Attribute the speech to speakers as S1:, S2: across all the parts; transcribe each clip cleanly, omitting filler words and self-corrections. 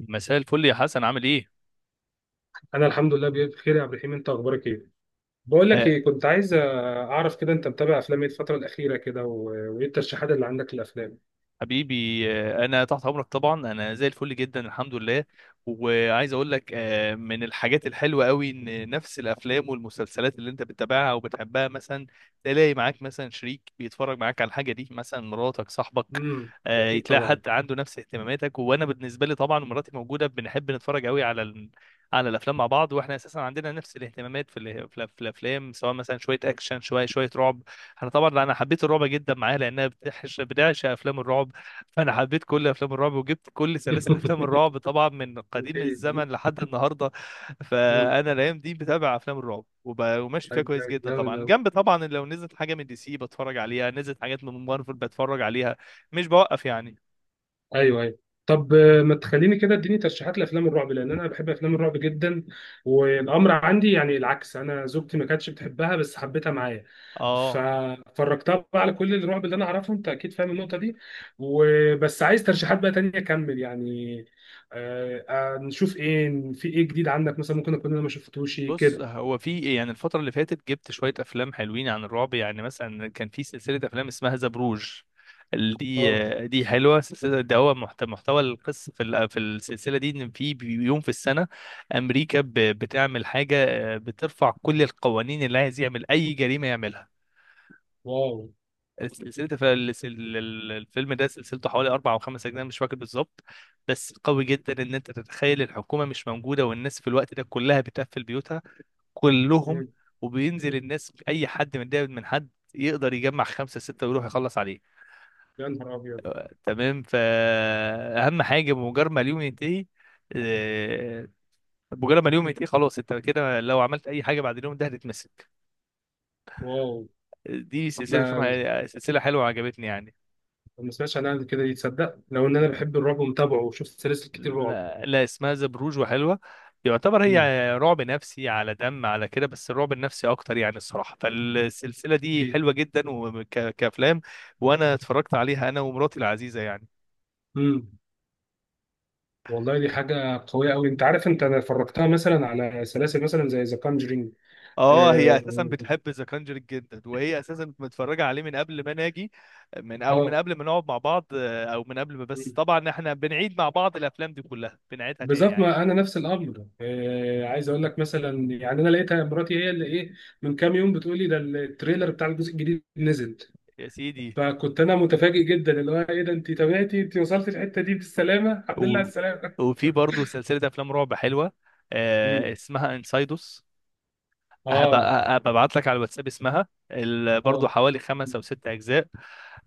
S1: مساء الفل يا حسن، عامل ايه؟
S2: انا الحمد لله بخير يا عبد الرحيم، انت اخبارك ايه؟ بقول لك
S1: آه،
S2: ايه، كنت عايز اعرف كده انت متابع افلام ايه الفتره الاخيره كده وايه الترشيحات اللي عندك للافلام؟
S1: حبيبي. انا تحت امرك، طبعا انا زي الفل جدا، الحمد لله. وعايز اقول لك، من الحاجات الحلوه قوي ان نفس الافلام والمسلسلات اللي انت بتتابعها وبتحبها، مثلا تلاقي معاك مثلا شريك بيتفرج معاك على الحاجه دي، مثلا مراتك، صاحبك.
S2: امم اكيد
S1: يتلاقي
S2: طبعا.
S1: حد عنده نفس اهتماماتك. وانا بالنسبه لي طبعا مراتي موجوده، بنحب نتفرج قوي على على الافلام مع بعض. واحنا اساسا عندنا نفس الاهتمامات في الافلام، سواء مثلا شويه اكشن، شويه شويه رعب. انا طبعا حبيت الرعب جدا معاها، لانها بتعشق بتعشق افلام الرعب. فانا حبيت كل افلام الرعب، وجبت كل سلاسل افلام الرعب طبعا من قديم
S2: اوكي.
S1: الزمن لحد النهارده.
S2: امم
S1: فانا الايام دي بتابع افلام الرعب، وماشي فيها
S2: طيب.
S1: كويس جدا. طبعا
S2: جامد.
S1: جنب طبعا، لو نزلت حاجه من دي سي بتفرج عليها، نزلت حاجات من مارفل بتفرج عليها. مش بوقف يعني.
S2: ايوه ايوه. طب، ما تخليني كده اديني ترشيحات لافلام الرعب لان انا بحب افلام الرعب جدا. والامر عندي يعني العكس، انا زوجتي ما كانتش بتحبها بس حبيتها معايا،
S1: اه،
S2: ففرجتها بقى على كل الرعب اللي انا اعرفه، انت اكيد فاهم النقطه دي. وبس عايز ترشيحات بقى تانية اكمل يعني. نشوف ايه، في ايه جديد عندك مثلا ممكن اكون انا ما شفتوش
S1: بص،
S2: كده.
S1: هو في إيه؟ يعني الفترة اللي فاتت جبت شوية أفلام حلوين عن الرعب. يعني مثلا كان في سلسلة أفلام اسمها ذا بروج.
S2: اه.
S1: دي حلوة سلسلة. ده هو محتوى القصة في السلسلة دي، إن في يوم في السنة أمريكا بتعمل حاجة، بترفع كل القوانين، اللي عايز يعمل أي جريمة يعملها.
S2: واو.
S1: سلسلة الفيلم ده سلسلته حوالي أربع أو خمس أجزاء مش فاكر بالظبط. بس قوي جدا إن أنت تتخيل الحكومة مش موجودة، والناس في الوقت ده كلها بتقفل بيوتها، كلهم.
S2: مم.
S1: وبينزل الناس، اي حد متضايق من حد يقدر يجمع خمسه سته ويروح يخلص عليه.
S2: يا نهار ابيض.
S1: تمام؟ فاهم حاجه؟ بمجرد ما اليوم ينتهي، آه، بمجرد ما اليوم ينتهي خلاص، انت كده لو عملت اي حاجه بعد اليوم ده هتتمسك.
S2: واو
S1: دي سلسله
S2: ده.
S1: فيلم، سلسله حلوه عجبتني يعني.
S2: ما سمعتش عنها قبل كده، يتصدق لو ان انا بحب الرعب ومتابعه وشفت سلاسل كتير رعب.
S1: لا, لا، اسمها ذا بروج وحلوة. يعتبر هي
S2: مم.
S1: رعب نفسي على دم، على كده، بس الرعب النفسي اكتر يعني الصراحة. فالسلسلة دي
S2: إيه.
S1: حلوة جدا وكافلام، وانا اتفرجت عليها انا ومراتي العزيزة يعني.
S2: مم. والله دي حاجة قوية أوي. أنت عارف أنت أنا فرجتها مثلا على سلاسل مثلا زي ذا كونجرينج.
S1: اه، هي
S2: آه
S1: اساسا بتحب ذا كانجرينج جدا، وهي اساسا متفرجه عليه من قبل ما ناجي، من
S2: آه.
S1: قبل ما نقعد مع بعض، آه، او من قبل ما بس طبعا احنا بنعيد مع بعض الافلام دي كلها، بنعيدها تاني
S2: بالظبط، ما
S1: عادي.
S2: أنا نفس الأمر. عايز أقول لك مثلا يعني أنا لقيتها مراتي هي اللي إيه، من كام يوم بتقول لي ده التريلر بتاع الجزء الجديد نزل.
S1: يا سيدي.
S2: فكنت أنا متفاجئ جدا، اللي هو إيه ده أنت تابعتي، أنت وصلت الحتة دي بالسلامة، الحمد لله على
S1: و...
S2: السلامة.
S1: وفي برضه سلسله افلام رعب حلوه،
S2: مم.
S1: اسمها انسايدوس.
S2: آه
S1: هبقى ببعت لك على الواتساب اسمها برضو
S2: آه.
S1: حوالي خمس او ست اجزاء.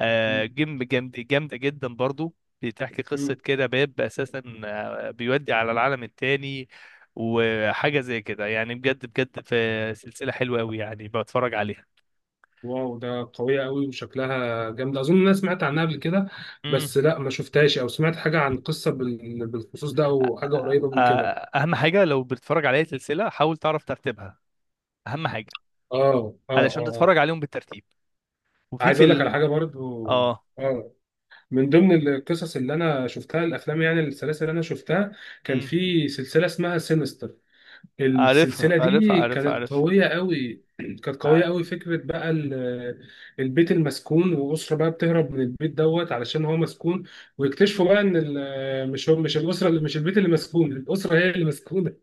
S2: مم.
S1: جيم جامد، جامده جدا برضو. بتحكي قصه
S2: مم.
S1: كده، باب اساسا بيودي على العالم التاني، وحاجه زي كده يعني بجد بجد. في سلسله حلوه قوي يعني، بتفرج عليها.
S2: واو ده قوية قوي وشكلها جامدة، أظن أنا سمعت عنها قبل كده،
S1: امم.
S2: بس لا ما شفتهاش أو سمعت حاجة عن قصة بال- بالخصوص ده أو حاجة قريبة من كده.
S1: اهم حاجه لو بتتفرج على اي سلسله، حاول تعرف ترتيبها. اهم حاجه
S2: آه آه
S1: علشان
S2: آه.
S1: تتفرج عليهم بالترتيب. وفي
S2: عايز
S1: في
S2: أقول لك على حاجة برضو.
S1: اه،
S2: آه من ضمن القصص اللي أنا شفتها الأفلام يعني السلاسل اللي أنا شفتها، كان
S1: امم.
S2: في سلسلة اسمها سينستر.
S1: عارفها
S2: السلسلة
S1: عارفها
S2: دي
S1: عارفها
S2: كانت
S1: عارفها
S2: قوية قوي، كانت قوية
S1: ع-
S2: قوي فكرة بقى ال- البيت المسكون وأسرة بقى بتهرب من البيت دوت علشان هو مسكون، ويكتشفوا بقى إن ال- مش هو مش الأسرة اللي مش البيت اللي مسكون، الأسرة هي اللي مسكونة،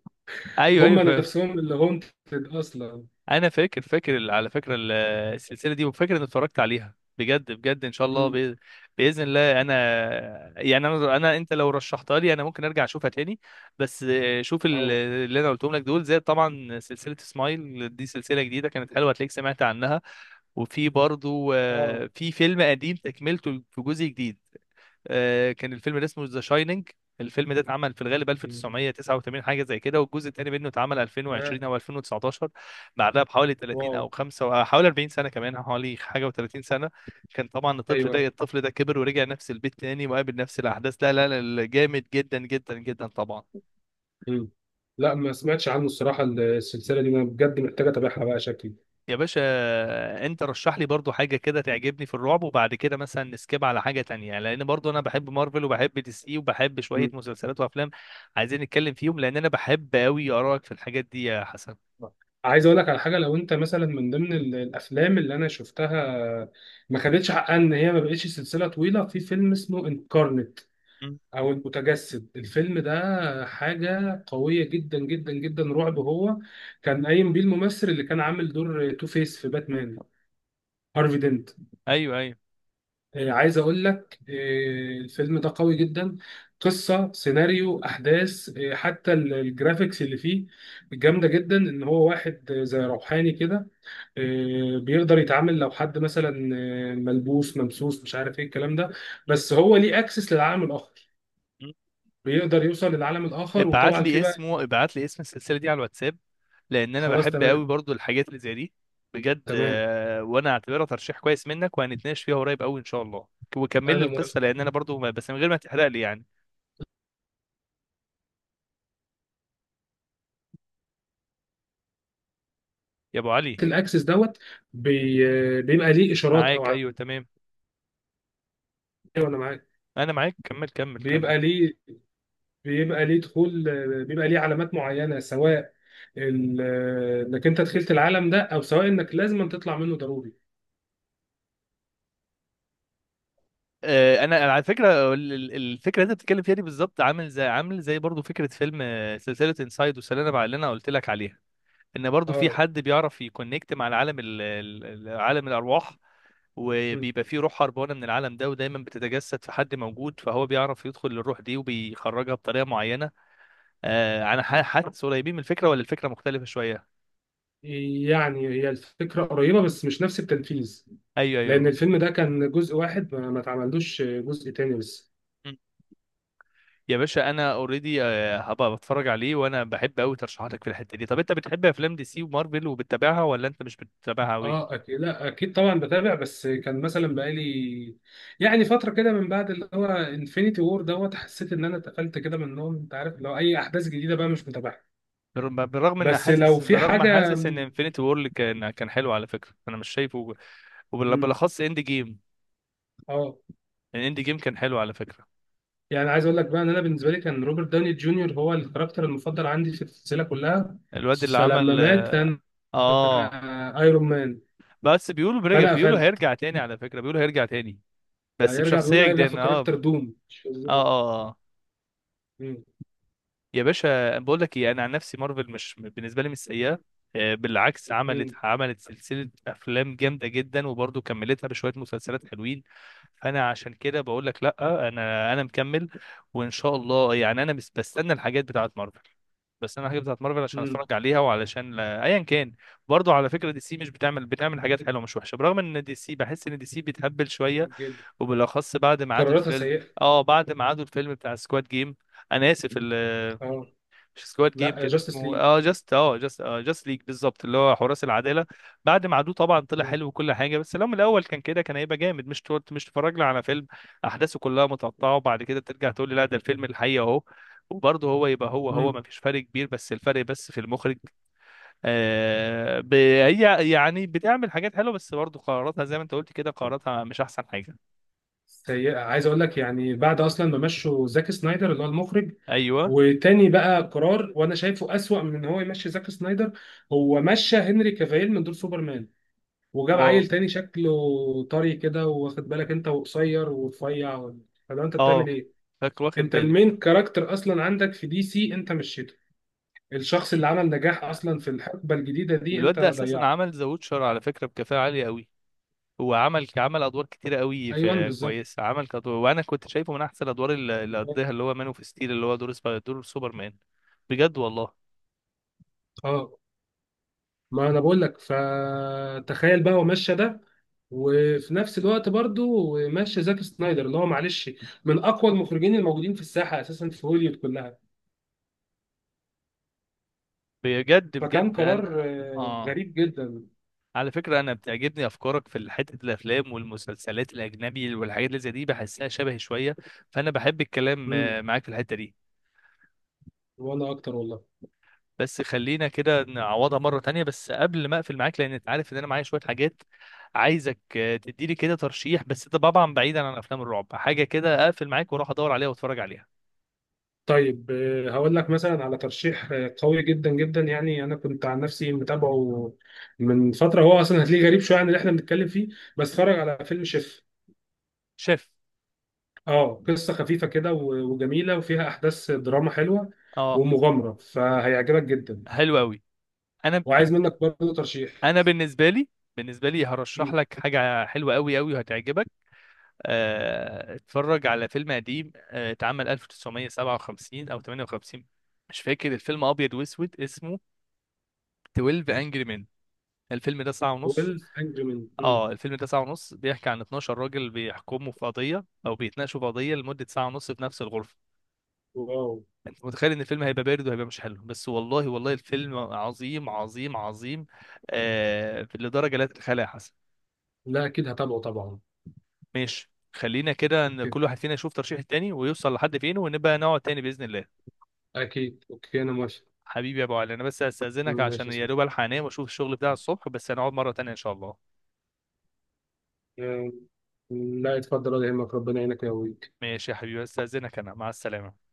S1: ايوه
S2: هم
S1: ايوه.
S2: نفسهم اللي هونتد أصلا.
S1: انا فاكر على فكره السلسله دي، وفاكر اني اتفرجت عليها بجد بجد. ان شاء الله،
S2: مم.
S1: باذن الله. انا يعني انا، انت لو رشحتها لي انا ممكن ارجع اشوفها تاني. بس شوف
S2: اه
S1: اللي انا قلتهم لك دول، زي طبعا سلسله سمايل، دي سلسله جديده كانت حلوه، هتلاقيك سمعت عنها. وفي برضو
S2: اه.
S1: في فيلم قديم تكملته في جزء جديد، كان الفيلم ده اسمه ذا شايننج. الفيلم ده اتعمل في الغالب
S2: مم.
S1: 1989 حاجه زي كده، والجزء الثاني منه اتعمل
S2: يا.
S1: 2020 او 2019، بعدها بحوالي 30
S2: واو.
S1: او 5، أو حوالي 40 سنه، كمان حوالي حاجه و30 سنه. كان طبعا الطفل ده،
S2: أيوه.
S1: الطفل ده كبر ورجع نفس البيت تاني وقابل نفس الاحداث. لا لا لا، جامد جدا جدا جدا طبعا.
S2: مم. لا ما سمعتش عنه الصراحة، السلسلة دي أنا بجد محتاجة أتابعها بقى شكلي.
S1: يا باشا، انت رشح لي برضو حاجة كده تعجبني في الرعب، وبعد كده مثلا نسكيب على حاجة تانية يعني. لان برضو انا بحب مارفل، وبحب دي سي، وبحب شوية مسلسلات وافلام، عايزين نتكلم فيهم. لان انا بحب قوي ارائك في الحاجات دي يا حسن.
S2: عايز اقول لك على حاجه، لو انت مثلا من ضمن ال- الافلام اللي انا شفتها ما خدتش حقها ان هي ما بقتش سلسله طويله، في فيلم اسمه انكارنت
S1: مم.
S2: او المتجسد. الفيلم ده حاجه قويه جدا جدا جدا رعب، هو كان قايم بيه الممثل اللي كان عامل دور تو فيس في باتمان، هارفي دينت.
S1: ايوه ايوه.
S2: عايز اقول لك، الفيلم ده قوي جدا، قصه سيناريو احداث، حتى ال- الجرافيكس اللي فيه جامده جدا. ان هو واحد زي روحاني كده، بيقدر يتعامل لو حد مثلا ملبوس ممسوس مش عارف ايه الكلام ده،
S1: مم.
S2: بس هو ليه اكسس للعالم الاخر،
S1: مم.
S2: بيقدر يوصل للعالم الاخر.
S1: ابعت
S2: وطبعا في
S1: لي
S2: بقى.
S1: اسمه، ابعت لي اسم السلسلة دي على الواتساب، لان انا
S2: خلاص
S1: بحب قوي
S2: تمام.
S1: برضو الحاجات اللي زي دي. بجد،
S2: تمام
S1: وانا اعتبرها ترشيح كويس منك، وهنتناقش فيها قريب قوي ان شاء الله. وكمل لي
S2: انا موافق.
S1: القصة لان انا برضو بس من غير ما تحرق لي يعني. يا ابو علي.
S2: الاكسس دوت بي... بيبقى ليه اشارات او
S1: معاك،
S2: ع-.
S1: ايوه تمام.
S2: وانا معاك.
S1: انا معاك، كمل كمل كمل.
S2: بيبقى ليه، بيبقى ليه دخول، بيبقى ليه علامات معينه، سواء ال... انك انت دخلت العالم ده، او سواء انك لازم تطلع منه ضروري.
S1: انا على فكره الفكره اللي انت بتتكلم فيها دي بالظبط، عامل زي، عامل زي برضو فكره فيلم، سلسله انسايد والسلالم بقى اللي انا قلت لك عليها. ان برضو في
S2: اه.
S1: حد بيعرف يكونكت مع العالم، عالم الارواح، وبيبقى فيه روح هربانه من العالم ده، ودايما بتتجسد في حد موجود، فهو بيعرف يدخل للروح دي وبيخرجها بطريقه معينه. انا حاسس قريبين من الفكره، ولا الفكره مختلفه شويه؟
S2: يعني هي الفكرة قريبة بس مش نفس التنفيذ،
S1: ايوه
S2: لأن
S1: ايوه.
S2: الفيلم ده كان جزء واحد ما اتعملوش جزء تاني لسه.
S1: يا باشا، انا اوريدي. هبقى بتفرج عليه، وانا بحب قوي ترشيحاتك في الحته دي. طب انت بتحب افلام دي سي ومارفل وبتتابعها، ولا انت مش بتتابعها قوي؟
S2: اه اكيد، لا اكيد طبعا بتابع، بس كان مثلا بقالي يعني فتره كده من بعد اللي هو انفينيتي وور دوت، حسيت ان انا اتقفلت كده من النوم، انت عارف، لو اي احداث جديده بقى مش متابعها.
S1: برغم ان
S2: بس
S1: حاسس،
S2: لو في
S1: برغم
S2: حاجه.
S1: حاسس ان انفينيتي وور كان كان حلو على فكره، انا مش شايفه.
S2: مم.
S1: وبالاخص اند جيم،
S2: اه.
S1: الاند جيم كان حلو على فكره.
S2: يعني عايز اقول لك بقى، ان انا بالنسبه لي كان روبرت داوني جونيور هو الكاركتر المفضل عندي في السلسله كلها،
S1: الواد اللي
S2: فلما
S1: عمل
S2: مات
S1: اه،
S2: انا،
S1: آه.
S2: ايرون مان،
S1: بس بيقولوا برجع،
S2: فانا
S1: بيقولوا
S2: قفلت.
S1: هيرجع تاني على فكره، بيقولوا هيرجع تاني بس
S2: هيرجع، بيقول
S1: بشخصيه
S2: هيرجع في
S1: جديده. اه، اه،
S2: كاركتر دوم مش في الزيرو.
S1: اه، آه.
S2: مم.
S1: يا باشا، بقول لك ايه، انا عن نفسي مارفل مش بالنسبه لي مش سيئه. بالعكس، عملت
S2: مم.
S1: عملت سلسله افلام جامده جدا، وبرضه كملتها بشويه مسلسلات حلوين. فانا عشان كده بقول لك لا، انا مكمل. وان شاء الله، يعني انا بس بستنى الحاجات بتاعه مارفل، بس انا الحاجات بتاعه مارفل عشان
S2: مم.
S1: اتفرج عليها، وعلشان ايا كان. برضه على فكره دي سي مش بتعمل، بتعمل حاجات حلوه مش وحشه، برغم ان دي سي بحس ان دي سي بتهبل شويه،
S2: جدا.
S1: وبالاخص بعد ما عادوا
S2: قراراتها
S1: الفيلم.
S2: سيئه.
S1: اه، بعد ما عادوا الفيلم بتاع سكواد جيم. انا اسف،
S2: اه.
S1: مش سكواد جيم،
S2: لا،
S1: كان
S2: جاستس
S1: اسمه
S2: ليج.
S1: جاست، جاست، جاست ليج بالظبط، اللي هو حراس العداله. بعد ما عدوه طبعا طلع
S2: مم.
S1: حلو وكل حاجه، بس لو من الاول كان كده كان هيبقى جامد. مش تتفرجنا على فيلم احداثه كلها متقطعه، وبعد كده ترجع تقول لي لا ده الفيلم الحقيقي اهو. وبرضه هو يبقى هو هو، ما
S2: مم.
S1: فيش فرق كبير، بس الفرق، بس في المخرج. آه هي يعني بتعمل حاجات حلوه، بس برضه قراراتها زي ما انت قلت كده، قراراتها مش احسن حاجه.
S2: سيئه. عايز اقول لك، يعني بعد اصلا ما مشوا زاك سنايدر اللي هو المخرج،
S1: ايوه.
S2: وتاني بقى قرار وانا شايفه اسوأ من ان هو يمشي زاك سنايدر، هو مشى هنري كافيل من دور سوبرمان وجاب
S1: واو.
S2: عيل تاني شكله طري كده واخد بالك، انت وقصير ورفيع. فلو انت بتعمل
S1: اه.
S2: ايه.
S1: فاكر، واخد
S2: انت
S1: بالي.
S2: المين كاركتر اصلا عندك في دي سي انت مشيته، الشخص اللي عمل نجاح اصلا في الحقبه الجديده دي
S1: الواد
S2: انت
S1: ده اساسا
S2: ضيعته.
S1: عمل ذا ووتشر على فكره بكفاءه عاليه قوي. هو عمل عمل ادوار كتيره قوي،
S2: ايوه
S1: في
S2: بالظبط.
S1: كويس عمل كدور. وانا كنت شايفه من احسن الادوار اللي اللي قضيها، اللي هو مان اوف ستيل، اللي هو دور سوبرمان. بجد والله.
S2: اه. ما انا بقول لك، فتخيل بقى هو ماشي ده، وفي نفس الوقت برضو ماشي زاك سنايدر اللي هو معلش من اقوى المخرجين الموجودين في الساحه اساسا في هوليوود كلها.
S1: بجد
S2: فكان
S1: بجد
S2: قرار
S1: انا. اه.
S2: غريب جدا.
S1: على فكره، انا بتعجبني افكارك في حته الافلام والمسلسلات الاجنبي والحاجات اللي زي دي، بحسها شبهي شويه. فانا بحب الكلام
S2: مم.
S1: معاك في الحته دي.
S2: وانا اكتر والله.
S1: بس خلينا كده نعوضها مرة تانية. بس قبل ما اقفل معاك، لان انت عارف ان انا معايا شوية حاجات، عايزك تديلي كده ترشيح، بس ده طبعا بعيدا عن افلام الرعب، حاجة كده اقفل معاك واروح ادور عليها واتفرج عليها.
S2: طيب، هقول لك مثلا على ترشيح قوي جدا جدا، يعني انا كنت عن نفسي متابعه من فتره، هو اصلا هتلاقيه غريب شويه عن اللي احنا بنتكلم فيه، بس اتفرج على فيلم شيف.
S1: شاف؟
S2: اه قصه خفيفه كده و- وجميله وفيها احداث دراما حلوه
S1: اه،
S2: ومغامره، فهيعجبك جدا.
S1: حلو قوي. انا،
S2: وعايز منك برضه ترشيح.
S1: انا بالنسبة لي، هرشح لك حاجة حلوة قوي قوي وهتعجبك. اتفرج على فيلم قديم، اتعمل 1957 او 58، مش فاكر. الفيلم ابيض واسود، اسمه 12 انجري مان. الفيلم ده ساعة ونص.
S2: 12 انجري مان.
S1: اه، الفيلم ده ساعة ونص، بيحكي عن 12 راجل بيحكموا في قضية أو بيتناقشوا في قضية لمدة ساعة ونص في نفس الغرفة.
S2: واو.
S1: أنت متخيل إن الفيلم هيبقى بارد وهيبقى مش حلو، بس والله والله الفيلم عظيم عظيم عظيم، آه لدرجة لا تتخيلها يا حسن.
S2: لا اكيد هتابعه طبعا.
S1: ماشي، خلينا كده إن
S2: اكيد.
S1: كل واحد فينا يشوف ترشيح التاني ويوصل لحد فين، ونبقى نقعد تاني بإذن الله.
S2: أكيد. اوكي انا موافق.
S1: حبيبي يا أبو علي، أنا بس هستأذنك
S2: ماشي
S1: عشان
S2: يا
S1: يا
S2: سيدي.
S1: دوب ألحق أنام وأشوف الشغل بتاع الصبح، بس هنقعد مرة تانية إن شاء الله.
S2: آه، لا اتفضل ولا يهمك، ربنا يعينك يا ابوي.
S1: ماشي يا حبيبي، هستأذنك، أنا مع السلامة.